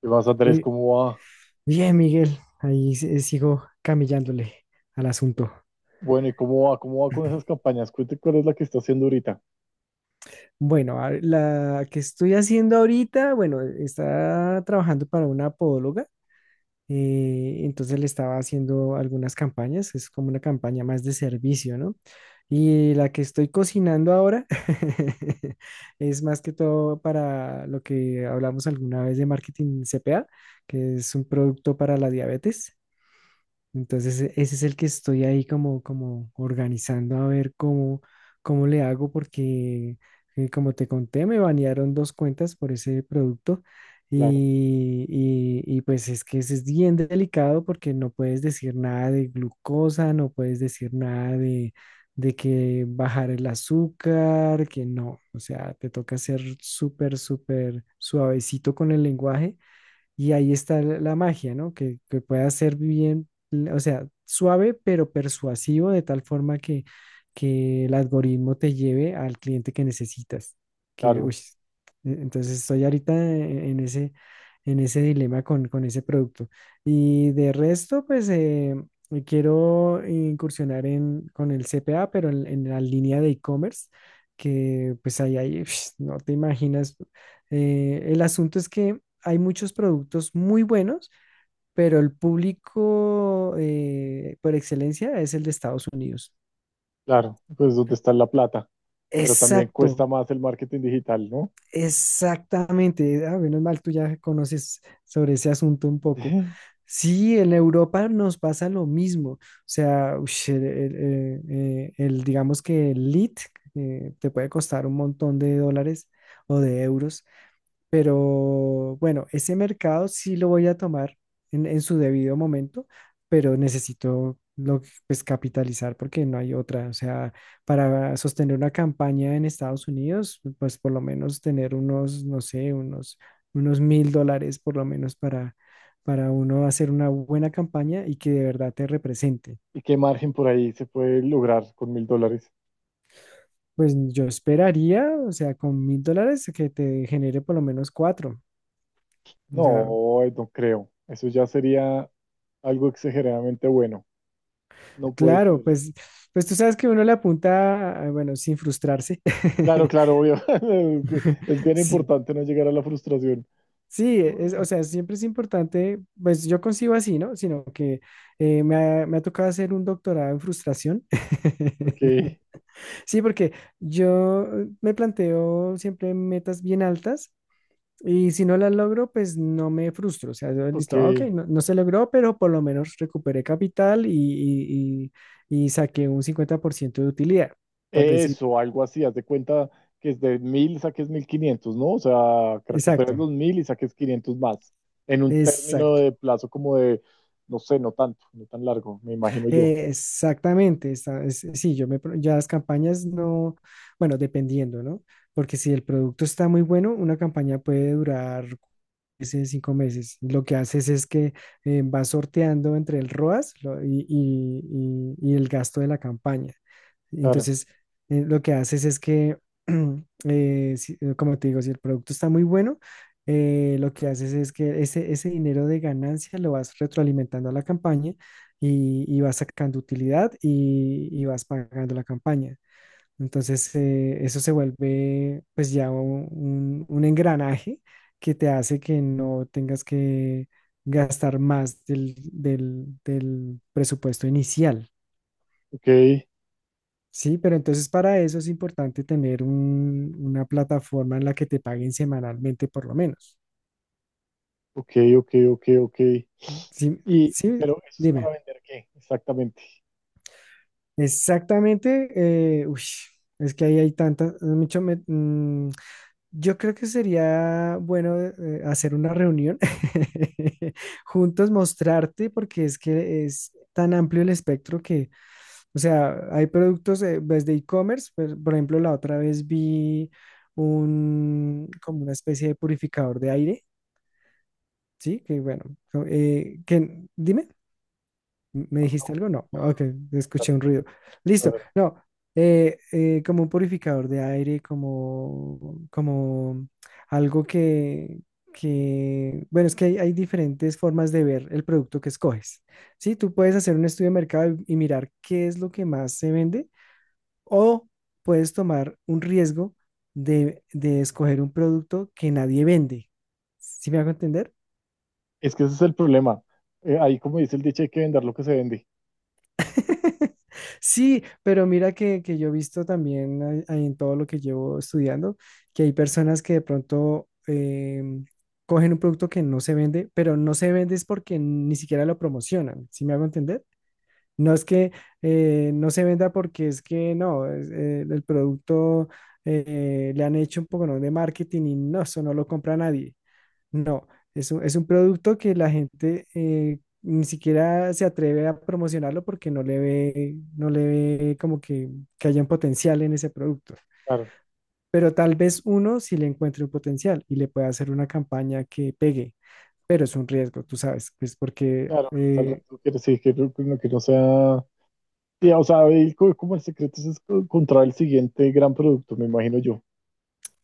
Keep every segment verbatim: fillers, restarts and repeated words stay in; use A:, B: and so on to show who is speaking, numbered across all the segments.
A: ¿Qué más, Andrés?
B: Eh,
A: ¿Cómo va?
B: Bien, Miguel, ahí se- sigo camillándole al asunto.
A: Bueno, ¿y cómo va? ¿Cómo va con esas campañas? Cuente cuál es la que está haciendo ahorita.
B: Bueno, a- la que estoy haciendo ahorita, bueno, está trabajando para una podóloga, eh, entonces le estaba haciendo algunas campañas, es como una campaña más de servicio, ¿no? Y la que estoy cocinando ahora es más que todo para lo que hablamos alguna vez de marketing C P A, que es un producto para la diabetes. Entonces, e- ese es el que estoy ahí como, como organizando a ver cómo, cómo le hago, porque eh, como te conté, me banearon dos cuentas por ese producto
A: Claro,
B: y, y- y, pues es que ese es bien delicado porque no puedes decir nada de glucosa, no puedes decir nada de, de que bajar el azúcar, que no, o sea, te toca ser súper, súper suavecito con el lenguaje y ahí está la la magia, ¿no? Que, que pueda ser bien, l- o sea, suave pero persuasivo de tal forma que, que el algoritmo te lleve al cliente que necesitas. Que,
A: claro,
B: uy, e- entonces estoy ahorita e- en ese, en ese dilema con, con ese producto. Y de resto, pues eh, quiero incursionar en, con el C P A, pero en, en la línea de e-commerce, que pues ahí, ahí, no te imaginas. Eh, el asunto es que hay muchos productos muy buenos, pero el público eh, por excelencia es el de Estados Unidos.
A: claro. Pues donde está la plata. Pero también cuesta
B: Exacto,
A: más el marketing digital, ¿no?
B: exactamente. Ah, menos mal, tú ya conoces sobre ese asunto un poco. Sí, en Europa nos pasa lo mismo. O sea, ush, el, el- eh, eh, el, digamos que el lead eh, te puede costar un montón de dólares o de euros. Pero bueno, ese mercado sí lo voy a tomar en, en su debido momento, pero necesito lo, que- pues, capitalizar porque no hay otra. O sea, para sostener una campaña en Estados Unidos, pues por lo menos tener unos, no sé, unos, unos mil dólares por lo menos para, para uno hacer una buena campaña y que de verdad te represente.
A: ¿Y qué margen por ahí se puede lograr con mil dólares?
B: Pues yo esperaría, o sea, con mil dólares que te genere por lo menos cuatro. O sea,
A: No, eh, no creo. Eso ya sería algo exageradamente bueno. No puede
B: claro,
A: ser.
B: pues, pues tú sabes que uno le apunta, a- bueno, sin frustrarse.
A: Claro, claro, obvio. Es bien
B: Sí,
A: importante no llegar a la frustración.
B: sí, es, o sea, siempre es importante, pues yo consigo así, ¿no? Sino que eh, me ha, me ha tocado hacer un doctorado en frustración.
A: Ok,
B: Sí, porque yo eh, me planteo siempre metas bien altas y si no las logro, pues no me frustro. O sea, yo, listo, ah, ok,
A: ok.
B: no, no se logró, pero por lo menos recuperé capital y, y- y- y saqué un cincuenta por ciento de utilidad, por decir.
A: Eso, algo así, haz de cuenta que es de mil saques mil quinientos, ¿no? O sea, que
B: Exacto,
A: recuperes los mil y saques quinientos más, en un término
B: exacto,
A: de plazo como de, no sé, no tanto, no tan largo, me imagino yo.
B: eh, exactamente. Está, es- sí, yo me, pro- ya las campañas no, bueno, dependiendo, ¿no? Porque si el producto está muy bueno, una campaña puede durar meses, cinco meses. Lo que haces es que eh, vas sorteando entre el ROAS lo- y, y- y- y el gasto de la campaña.
A: Claro,
B: Entonces, eh, lo que haces es que, eh, si- eh, como te digo, si el producto está muy bueno, eh, lo que haces es que ese, ese dinero de ganancia lo vas retroalimentando a la campaña y, y vas sacando utilidad y, y vas pagando la campaña. Entonces, eh, eso se vuelve pues ya un, un- un engranaje que te hace que no tengas que gastar más del, del del presupuesto inicial.
A: ok,
B: Sí, pero entonces para eso es importante tener un- una plataforma en la que te paguen semanalmente por lo menos.
A: ok, ok, ok, ok. Y,
B: Sí,
A: y-
B: sí,
A: pero eso es para
B: dime.
A: vender qué, exactamente.
B: Exactamente. eh, uy, es que ahí hay tantas, mucho, me- mm, yo creo que sería bueno eh, eh, hacer una reunión juntos, mostrarte, porque es que es tan amplio el espectro que, o sea, hay productos eh, desde e-commerce, pues, por ejemplo, la otra vez vi un, como una especie de purificador de aire, ¿sí? Que bueno, eh, que, dime. ¿Me
A: No,
B: dijiste algo? No,
A: no,
B: no,
A: no,
B: ok,
A: no, no,
B: escuché un ruido.
A: no,
B: Listo,
A: no, no.
B: no, eh, eh, como un purificador de aire, como, como algo que, que, bueno, es que hay, hay diferentes formas de ver el producto que escoges. Sí, tú puedes hacer un estudio de mercado y, y mirar qué es lo que más se vende o puedes tomar un riesgo de, de escoger un producto que nadie vende. ¿Sí me hago entender?
A: Es que ese es el problema. Eh, ahí, como dice el dicho, hay que vender lo que se vende.
B: Sí, pero mira que, que yo he visto también ahí- ahí en todo lo que llevo estudiando, que hay personas que de pronto em, cogen un producto que no se vende, pero no se vende es porque ni siquiera lo promocionan, ¿sí me hago entender? No es que eh, no se venda porque es que no, es, eh, el producto eh, le han hecho un poco ¿no? de marketing y no, eso no lo compra nadie. No, es un, es un producto que la gente eh, ni siquiera se atreve a promocionarlo porque no le ve, no le ve como que, que haya un potencial en ese producto.
A: Claro,
B: Pero tal vez uno sí le encuentre un potencial y le pueda hacer una campaña que pegue, pero es un riesgo, tú sabes, pues porque
A: claro, ahí está el
B: eh,
A: reto, que sí, que no, que no sea. Sí, o sea, ahí co- como el secreto es co- encontrar el siguiente gran producto, me imagino yo.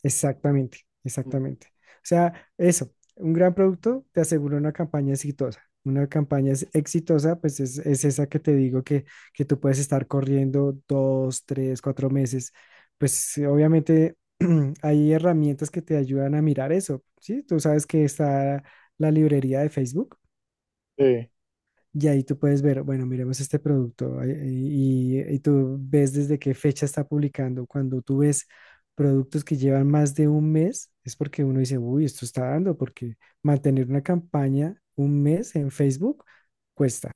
B: exactamente,
A: Mm.
B: exactamente. O sea, eso, un gran producto te asegura una campaña exitosa. Una campaña es- exitosa, pues es, es esa que te digo que, que tú puedes estar corriendo dos, tres, cuatro meses. Pues eh, obviamente hay herramientas que te ayudan a mirar eso, ¿sí? Tú sabes que está la librería de Facebook.
A: Sí,
B: Y ahí tú puedes ver, bueno, miremos este producto eh, y, y tú ves desde qué fecha está publicando. Cuando tú ves productos que llevan más de un mes, es porque uno dice, uy, esto está dando, porque mantener una campaña un mes en Facebook cuesta.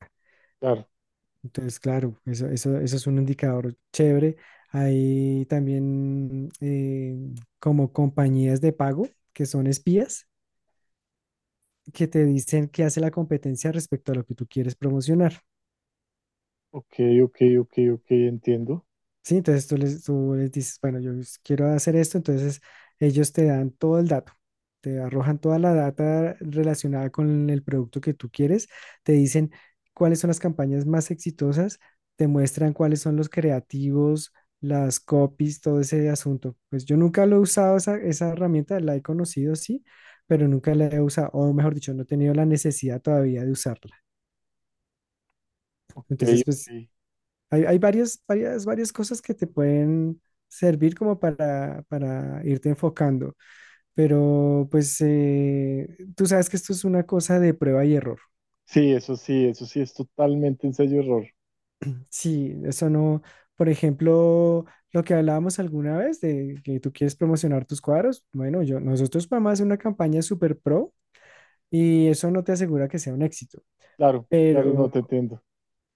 A: claro.
B: Entonces, claro, eso, eso, eso es un indicador chévere. Hay también eh, como compañías de pago que son espías que te dicen qué hace la competencia respecto a lo que tú quieres promocionar.
A: Ok, ok, ok, ok, entiendo.
B: Sí, entonces tú les, tú les dices, bueno, yo s- quiero hacer esto, entonces ellos te dan todo el dato, te arrojan toda la data relacionada con el producto que tú quieres, te dicen cuáles son las campañas más exitosas, te muestran cuáles son los creativos, las copies, todo ese asunto. Pues yo nunca lo he usado esa, esa herramienta, la he conocido, sí, pero nunca la he usado, o mejor dicho, no he tenido la necesidad todavía de usarla.
A: Ok,
B: Entonces, pues
A: ok.
B: hay, hay varias, varias, varias cosas que te pueden servir como para, para irte enfocando, pero pues eh, tú sabes que esto es una cosa de prueba y error.
A: Sí, eso sí, eso sí es totalmente ensayo error.
B: Sí, eso no, por ejemplo, lo que hablábamos alguna vez de que tú quieres promocionar tus cuadros, bueno, yo, nosotros podemos hacer una campaña super pro y eso no te asegura que sea un éxito,
A: Claro, claro, no
B: pero
A: te entiendo.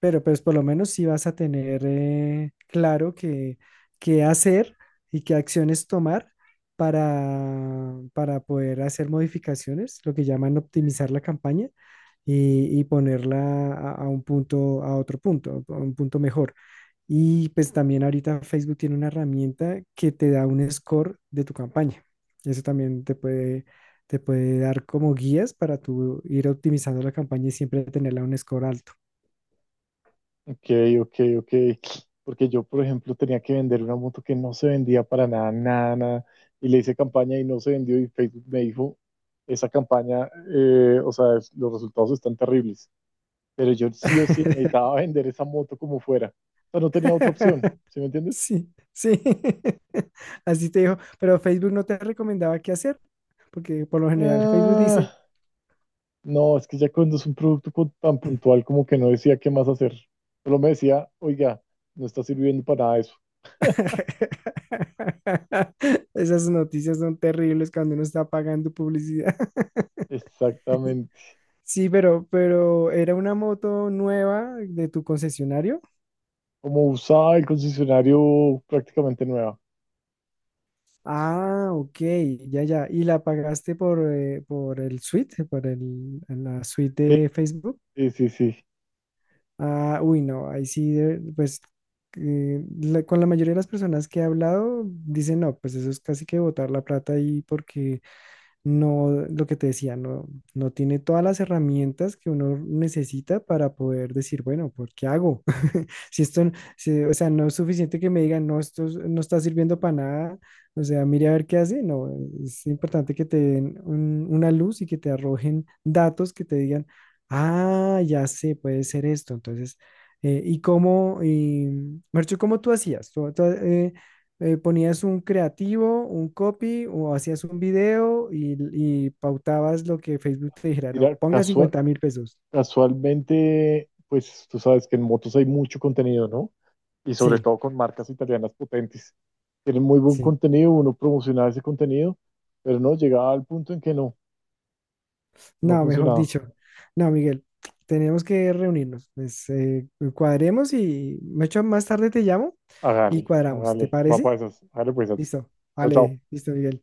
B: Pero pues por lo menos sí vas a tener eh, claro qué, qué hacer y qué acciones tomar para, para poder hacer modificaciones, lo que llaman optimizar la campaña y, y ponerla a, a un punto, a otro punto, a un punto mejor. Y pues también ahorita Facebook tiene una herramienta que te da un score de tu campaña. Eso también te puede, te puede dar como guías para tú ir optimizando la campaña y siempre tenerla a un score alto.
A: Ok, ok, ok. Porque yo, por ejemplo, tenía que vender una moto que no se vendía para nada, nada, nada. Y le hice campaña y no se vendió y Facebook me dijo, esa campaña, eh, o sea, es- los resultados están terribles. Pero yo sí o sí necesitaba vender esa moto como fuera. O sea, no tenía otra opción, ¿sí me entiendes?
B: Sí, sí. Así te dijo, pero Facebook no te recomendaba qué hacer, porque por lo general Facebook dice,
A: Ah, no, es que ya cuando es un producto co- tan puntual, como que no decía qué más hacer. Solo me decía, oiga, no está sirviendo para nada eso.
B: esas noticias son terribles cuando uno está pagando publicidad.
A: Exactamente.
B: Sí, pero, pero ¿era una moto nueva de tu concesionario?
A: Como usaba el concesionario, prácticamente nueva.
B: Ah, ok, ya, ya. ¿Y la pagaste por, eh, por el suite, por el, la suite
A: Sí,
B: de Facebook?
A: sí, sí, sí.
B: Ah, uy, no, ahí sí, de- pues eh, la- con la mayoría de las personas que he hablado dicen, no, pues eso es casi que botar la plata ahí porque no, lo que te decía, no, no tiene todas las herramientas que uno necesita para poder decir, bueno, ¿por qué hago? Si esto, si- o sea, no es suficiente que me digan, no, esto es- no está sirviendo para nada, o sea, mire a ver qué hace, no, es importante que te den un- una luz y que te arrojen datos que te digan, ah, ya sé, puede ser esto, entonces, eh, ¿y cómo, y, Marcho, cómo tú hacías? ¿Tú, tú, eh, eh, ponías un creativo, un copy o hacías un video y, y pautabas lo que Facebook te dijera, no,
A: Mira,
B: ponga
A: casual
B: cincuenta mil pesos?
A: casualmente, pues tú sabes que en motos hay mucho contenido, ¿no? Y sobre
B: Sí,
A: todo con marcas italianas potentes. Tienen muy buen
B: sí.
A: contenido, uno promocionaba ese contenido, pero no, llegaba al punto en que no, no
B: No, mejor
A: funcionaba.
B: dicho. No, Miguel, tenemos que reunirnos. Pues, eh, cuadremos y me echo más tarde te llamo y
A: Hágale,
B: cuadramos. ¿Te
A: hágale, va
B: parece?
A: para esas, hágale pues,
B: Listo.
A: chao, chao.
B: Vale, listo, Miguel.